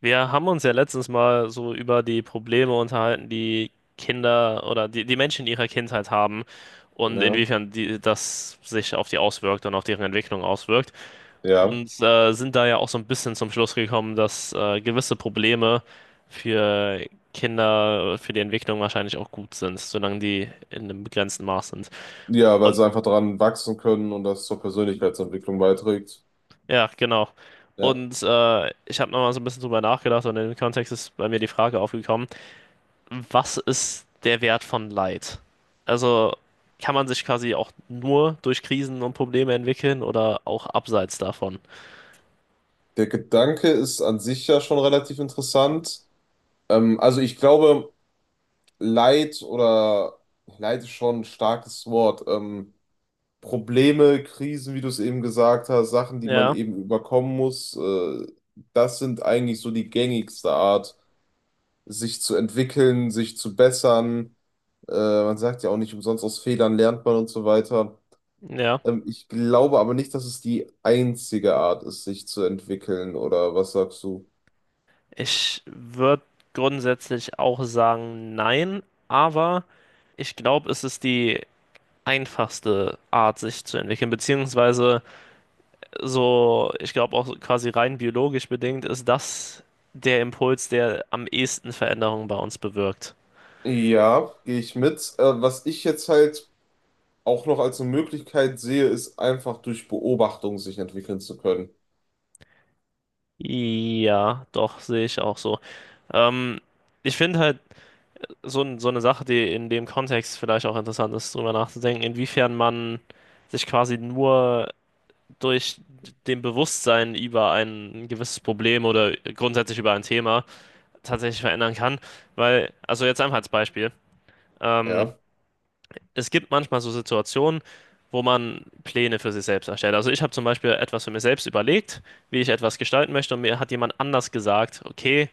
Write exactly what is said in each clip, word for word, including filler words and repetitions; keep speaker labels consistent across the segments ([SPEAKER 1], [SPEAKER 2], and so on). [SPEAKER 1] Wir haben uns ja letztens mal so über die Probleme unterhalten, die Kinder oder die, die Menschen in ihrer Kindheit haben und
[SPEAKER 2] Ja,
[SPEAKER 1] inwiefern die, das sich auf die auswirkt und auf deren Entwicklung auswirkt.
[SPEAKER 2] ja.
[SPEAKER 1] Und äh, sind da ja auch so ein bisschen zum Schluss gekommen, dass äh, gewisse Probleme für Kinder, für die Entwicklung wahrscheinlich auch gut sind, solange die in einem begrenzten Maß sind.
[SPEAKER 2] Ja, weil
[SPEAKER 1] Und
[SPEAKER 2] sie einfach daran wachsen können und das zur Persönlichkeitsentwicklung beiträgt.
[SPEAKER 1] ja, genau.
[SPEAKER 2] Ja.
[SPEAKER 1] Und äh, ich habe nochmal so ein bisschen drüber nachgedacht und in dem Kontext ist bei mir die Frage aufgekommen, was ist der Wert von Leid? Also kann man sich quasi auch nur durch Krisen und Probleme entwickeln oder auch abseits davon?
[SPEAKER 2] Der Gedanke ist an sich ja schon relativ interessant. Ähm, also ich glaube, Leid oder Leid ist schon ein starkes Wort. Ähm, Probleme, Krisen, wie du es eben gesagt hast, Sachen, die man
[SPEAKER 1] Ja,
[SPEAKER 2] eben überkommen muss, äh, das sind eigentlich so die gängigste Art, sich zu entwickeln, sich zu bessern. Äh, man sagt ja auch nicht umsonst, aus Fehlern lernt man und so weiter.
[SPEAKER 1] ja.
[SPEAKER 2] Ähm, ich glaube aber nicht, dass es die einzige Art ist, sich zu entwickeln, oder was sagst du?
[SPEAKER 1] Ich würde grundsätzlich auch sagen, nein, aber ich glaube, es ist die einfachste Art, sich zu entwickeln, beziehungsweise so, ich glaube auch quasi rein biologisch bedingt ist das der Impuls, der am ehesten Veränderungen bei uns bewirkt.
[SPEAKER 2] Ja, gehe ich mit. Äh, was ich jetzt halt auch noch als eine Möglichkeit sehe, ist einfach durch Beobachtung sich entwickeln zu können.
[SPEAKER 1] Ja, doch, sehe ich auch so. Ähm, Ich finde halt so, n- so eine Sache, die in dem Kontext vielleicht auch interessant ist, drüber nachzudenken, inwiefern man sich quasi nur durch dem Bewusstsein über ein gewisses Problem oder grundsätzlich über ein Thema tatsächlich verändern kann. Weil, also jetzt einfach als Beispiel. Ähm,
[SPEAKER 2] Ja,
[SPEAKER 1] Es gibt manchmal so Situationen, wo man Pläne für sich selbst erstellt. Also ich habe zum Beispiel etwas für mich selbst überlegt, wie ich etwas gestalten möchte und mir hat jemand anders gesagt, okay,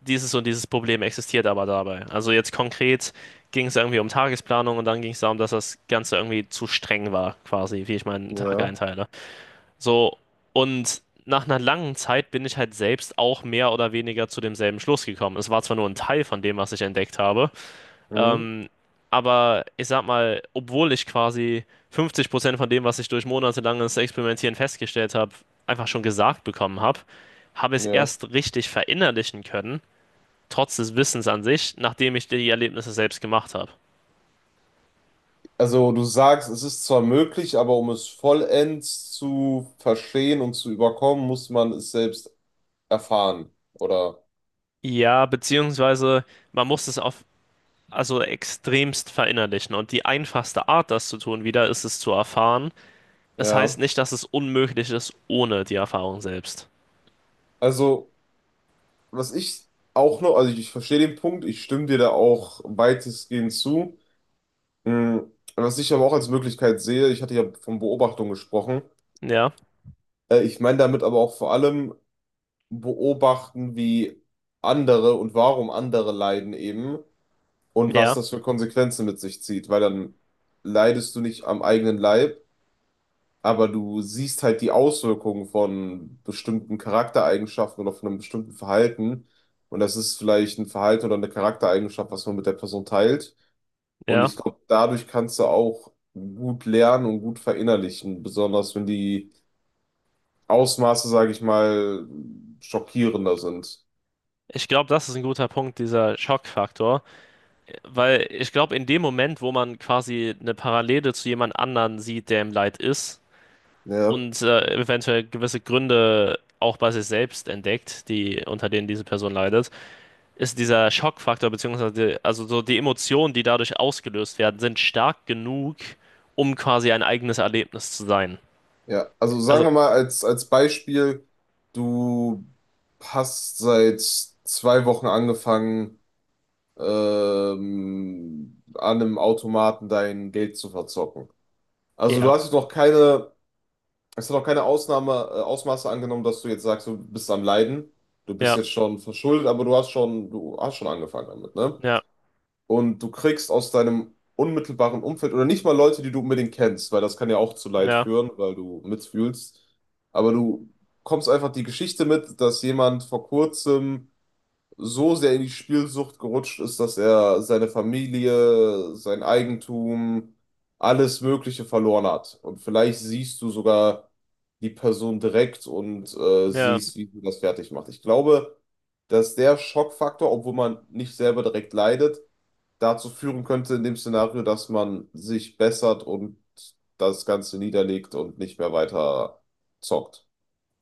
[SPEAKER 1] dieses und dieses Problem existiert aber dabei. Also jetzt konkret ging es irgendwie um Tagesplanung und dann ging es darum, dass das Ganze irgendwie zu streng war, quasi, wie ich meinen Tag
[SPEAKER 2] ja,
[SPEAKER 1] einteile. So, und nach einer langen Zeit bin ich halt selbst auch mehr oder weniger zu demselben Schluss gekommen. Es war zwar nur ein Teil von dem, was ich entdeckt habe,
[SPEAKER 2] mhm,
[SPEAKER 1] ähm, aber ich sag mal, obwohl ich quasi fünfzig Prozent von dem, was ich durch monatelanges Experimentieren festgestellt habe, einfach schon gesagt bekommen habe, habe ich es
[SPEAKER 2] ja.
[SPEAKER 1] erst richtig verinnerlichen können, trotz des Wissens an sich, nachdem ich die Erlebnisse selbst gemacht habe.
[SPEAKER 2] Also du sagst, es ist zwar möglich, aber um es vollends zu verstehen und zu überkommen, muss man es selbst erfahren, oder?
[SPEAKER 1] Ja, beziehungsweise man muss es auf also extremst verinnerlichen. Und die einfachste Art, das zu tun, wieder ist es zu erfahren. Das heißt
[SPEAKER 2] Ja.
[SPEAKER 1] nicht, dass es unmöglich ist ohne die Erfahrung selbst.
[SPEAKER 2] Also, was ich auch noch, also ich verstehe den Punkt, ich stimme dir da auch weitestgehend zu. Hm, Was ich aber auch als Möglichkeit sehe, ich hatte ja von Beobachtung gesprochen.
[SPEAKER 1] Ja,
[SPEAKER 2] Äh, Ich meine damit aber auch vor allem beobachten, wie andere und warum andere leiden eben und was
[SPEAKER 1] ja,
[SPEAKER 2] das für Konsequenzen mit sich zieht, weil dann leidest du nicht am eigenen Leib, aber du siehst halt die Auswirkungen von bestimmten Charaktereigenschaften oder von einem bestimmten Verhalten. Und das ist vielleicht ein Verhalten oder eine Charaktereigenschaft, was man mit der Person teilt. Und
[SPEAKER 1] ja.
[SPEAKER 2] ich glaube, dadurch kannst du auch gut lernen und gut verinnerlichen, besonders wenn die Ausmaße, sage ich mal, schockierender sind.
[SPEAKER 1] Ich glaube, das ist ein guter Punkt, dieser Schockfaktor, weil ich glaube, in dem Moment, wo man quasi eine Parallele zu jemand anderen sieht, der im Leid ist
[SPEAKER 2] Ja,
[SPEAKER 1] und äh, eventuell gewisse Gründe auch bei sich selbst entdeckt, die unter denen diese Person leidet, ist dieser Schockfaktor beziehungsweise die, also so die Emotionen, die dadurch ausgelöst werden, sind stark genug, um quasi ein eigenes Erlebnis zu sein.
[SPEAKER 2] ja. Also sagen
[SPEAKER 1] Also
[SPEAKER 2] wir mal als, als Beispiel, du hast seit zwei Wochen angefangen, ähm, an einem Automaten dein Geld zu verzocken. Also du
[SPEAKER 1] ja,
[SPEAKER 2] hast jetzt noch keine, es hat noch keine Ausnahme, äh, Ausmaße angenommen, dass du jetzt sagst, du bist am Leiden, du bist
[SPEAKER 1] ja,
[SPEAKER 2] jetzt schon verschuldet, aber du hast schon, du hast schon angefangen damit, ne?
[SPEAKER 1] ja,
[SPEAKER 2] Und du kriegst aus deinem unmittelbaren Umfeld oder nicht mal Leute, die du unbedingt kennst, weil das kann ja auch zu Leid
[SPEAKER 1] ja,
[SPEAKER 2] führen, weil du mitfühlst. Aber du kommst einfach die Geschichte mit, dass jemand vor kurzem so sehr in die Spielsucht gerutscht ist, dass er seine Familie, sein Eigentum, alles Mögliche verloren hat. Und vielleicht siehst du sogar die Person direkt und äh,
[SPEAKER 1] ja.
[SPEAKER 2] siehst, wie sie das fertig macht. Ich glaube, dass der Schockfaktor, obwohl man nicht selber direkt leidet, dazu führen könnte in dem Szenario, dass man sich bessert und das Ganze niederlegt und nicht mehr weiter zockt.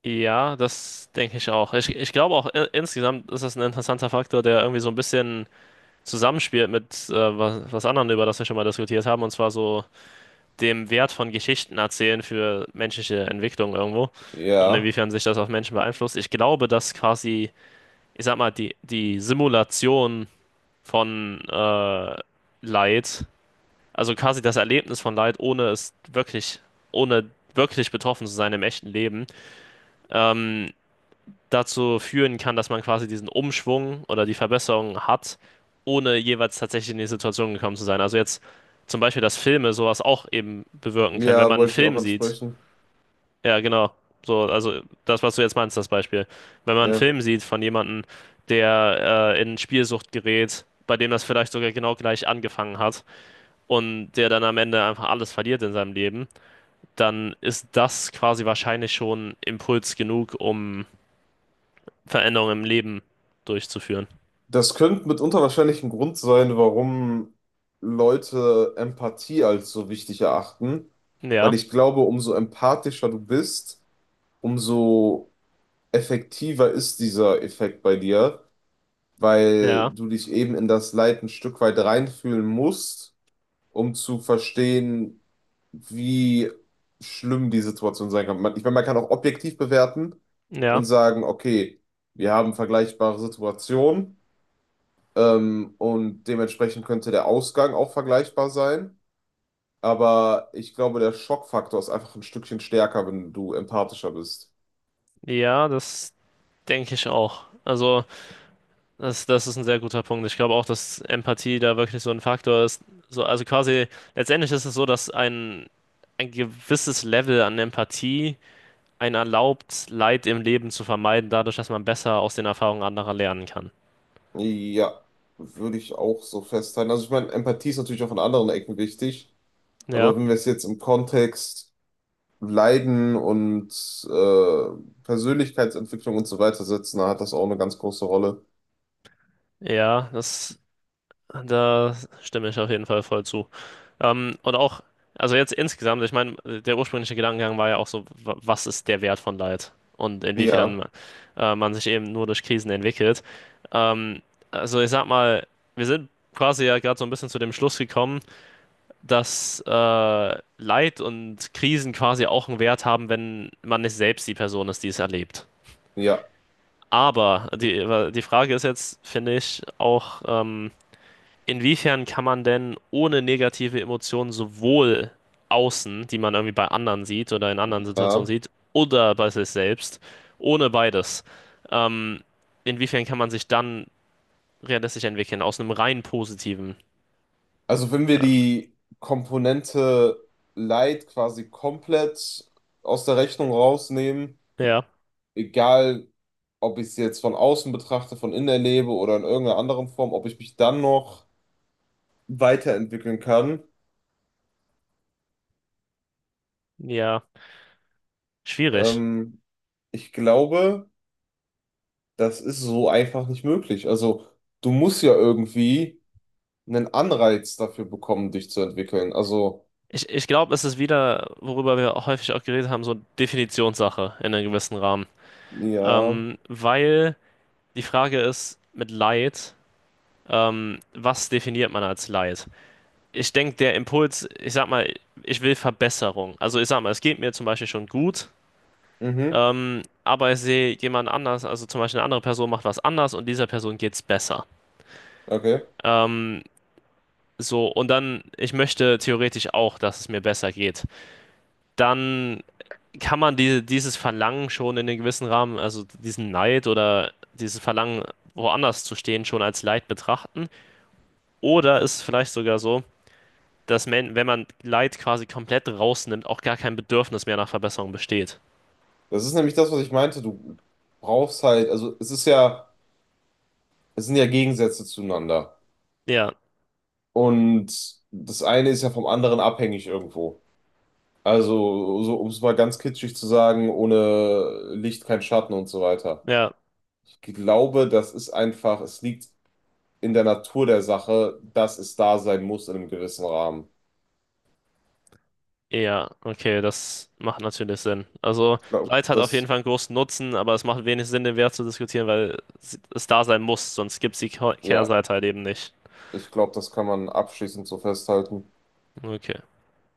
[SPEAKER 1] Ja, das denke ich auch. Ich, ich glaube auch i- insgesamt ist das ein interessanter Faktor, der irgendwie so ein bisschen zusammenspielt mit äh, was, was anderen, über das wir schon mal diskutiert haben, und zwar so dem Wert von Geschichten erzählen für menschliche Entwicklung irgendwo und
[SPEAKER 2] Ja,
[SPEAKER 1] inwiefern sich das auf Menschen beeinflusst. Ich glaube, dass quasi, ich sag mal, die, die Simulation von äh, Leid, also quasi das Erlebnis von Leid, ohne es wirklich, ohne wirklich betroffen zu sein im echten Leben, ähm, dazu führen kann, dass man quasi diesen Umschwung oder die Verbesserung hat, ohne jeweils tatsächlich in die Situation gekommen zu sein. Also jetzt zum Beispiel, dass Filme sowas auch eben bewirken können. Wenn
[SPEAKER 2] ja,
[SPEAKER 1] man einen
[SPEAKER 2] wollte ich auch
[SPEAKER 1] Film sieht,
[SPEAKER 2] ansprechen.
[SPEAKER 1] ja genau, so, also das, was du jetzt meinst, das Beispiel. Wenn man einen
[SPEAKER 2] Ja.
[SPEAKER 1] Film sieht von jemandem, der äh, in Spielsucht gerät, bei dem das vielleicht sogar genau gleich angefangen hat und der dann am Ende einfach alles verliert in seinem Leben, dann ist das quasi wahrscheinlich schon Impuls genug, um Veränderungen im Leben durchzuführen.
[SPEAKER 2] Das könnte mitunter wahrscheinlich ein Grund sein, warum Leute Empathie als so wichtig erachten, weil
[SPEAKER 1] Ja,
[SPEAKER 2] ich glaube, umso empathischer du bist, umso effektiver ist dieser Effekt bei dir, weil
[SPEAKER 1] ja,
[SPEAKER 2] du dich eben in das Leid ein Stück weit reinfühlen musst, um zu verstehen, wie schlimm die Situation sein kann. Man- Ich meine, man kann auch objektiv bewerten und
[SPEAKER 1] ja,
[SPEAKER 2] sagen, okay, wir haben vergleichbare Situationen. Ähm, und dementsprechend könnte der Ausgang auch vergleichbar sein. Aber ich glaube, der Schockfaktor ist einfach ein Stückchen stärker, wenn du empathischer bist.
[SPEAKER 1] ja, das denke ich auch. Also, das, das ist ein sehr guter Punkt. Ich glaube auch, dass Empathie da wirklich so ein Faktor ist. So, also quasi, letztendlich ist es so, dass ein, ein gewisses Level an Empathie einen erlaubt, Leid im Leben zu vermeiden, dadurch, dass man besser aus den Erfahrungen anderer lernen kann.
[SPEAKER 2] Ja, würde ich auch so festhalten. Also ich meine, Empathie ist natürlich auch in anderen Ecken wichtig.
[SPEAKER 1] Ja,
[SPEAKER 2] Aber wenn wir es jetzt im Kontext Leiden und äh, Persönlichkeitsentwicklung und so weiter setzen, dann hat das auch eine ganz große Rolle.
[SPEAKER 1] ja, das, da stimme ich auf jeden Fall voll zu. Ähm, und auch, also jetzt insgesamt, ich meine, der ursprüngliche Gedankengang war ja auch so, wa- was ist der Wert von Leid und
[SPEAKER 2] Ja,
[SPEAKER 1] inwiefern äh, man sich eben nur durch Krisen entwickelt. Ähm, also ich sag mal, wir sind quasi ja gerade so ein bisschen zu dem Schluss gekommen, dass äh, Leid und Krisen quasi auch einen Wert haben, wenn man nicht selbst die Person ist, die es erlebt.
[SPEAKER 2] ja,
[SPEAKER 1] Aber die, die Frage ist jetzt, finde ich, auch, ähm, inwiefern kann man denn ohne negative Emotionen sowohl außen, die man irgendwie bei anderen sieht oder in anderen Situationen
[SPEAKER 2] ja.
[SPEAKER 1] sieht, oder bei sich selbst, ohne beides, ähm, inwiefern kann man sich dann realistisch entwickeln aus einem rein positiven?
[SPEAKER 2] Also wenn wir die Komponente Light quasi komplett aus der Rechnung rausnehmen,
[SPEAKER 1] Ja,
[SPEAKER 2] egal ob ich es jetzt von außen betrachte, von innen erlebe oder in irgendeiner anderen Form, ob ich mich dann noch weiterentwickeln kann,
[SPEAKER 1] ja, schwierig.
[SPEAKER 2] ähm, ich glaube, das ist so einfach nicht möglich. Also du musst ja irgendwie einen Anreiz dafür bekommen, dich zu entwickeln. Also
[SPEAKER 1] Ich, ich glaube, es ist wieder, worüber wir auch häufig auch geredet haben, so Definitionssache in einem gewissen Rahmen.
[SPEAKER 2] ja,
[SPEAKER 1] Ähm, weil die Frage ist, mit Leid, ähm, was definiert man als Leid? Ich denke, der Impuls, ich sag mal, ich will Verbesserung. Also ich sag mal, es geht mir zum Beispiel schon gut,
[SPEAKER 2] mhm,
[SPEAKER 1] ähm, aber ich sehe jemand anders, also zum Beispiel eine andere Person macht was anders und dieser Person geht's besser.
[SPEAKER 2] okay.
[SPEAKER 1] Ähm, so, und dann, ich möchte theoretisch auch, dass es mir besser geht. Dann kann man diese, dieses Verlangen schon in einem gewissen Rahmen, also diesen Neid oder dieses Verlangen, woanders zu stehen, schon als Leid betrachten. Oder ist es vielleicht sogar so, dass man, wenn man Leid quasi komplett rausnimmt, auch gar kein Bedürfnis mehr nach Verbesserung besteht.
[SPEAKER 2] Das ist nämlich das, was ich meinte. Du brauchst halt, also es ist ja, es sind ja Gegensätze zueinander.
[SPEAKER 1] Ja,
[SPEAKER 2] Und das eine ist ja vom anderen abhängig irgendwo. Also, so, um es mal ganz kitschig zu sagen, ohne Licht kein Schatten und so weiter.
[SPEAKER 1] ja,
[SPEAKER 2] Ich glaube, das ist einfach, es liegt in der Natur der Sache, dass es da sein muss in einem gewissen Rahmen.
[SPEAKER 1] ja, okay, das macht natürlich Sinn. Also
[SPEAKER 2] Ich glaube,
[SPEAKER 1] Leid hat auf jeden
[SPEAKER 2] das,
[SPEAKER 1] Fall einen großen Nutzen, aber es macht wenig Sinn, den Wert zu diskutieren, weil es es da sein muss, sonst gibt es die Kehr-
[SPEAKER 2] ja,
[SPEAKER 1] Kehrseite halt eben nicht.
[SPEAKER 2] ich glaube, das kann man abschließend so festhalten.
[SPEAKER 1] Okay.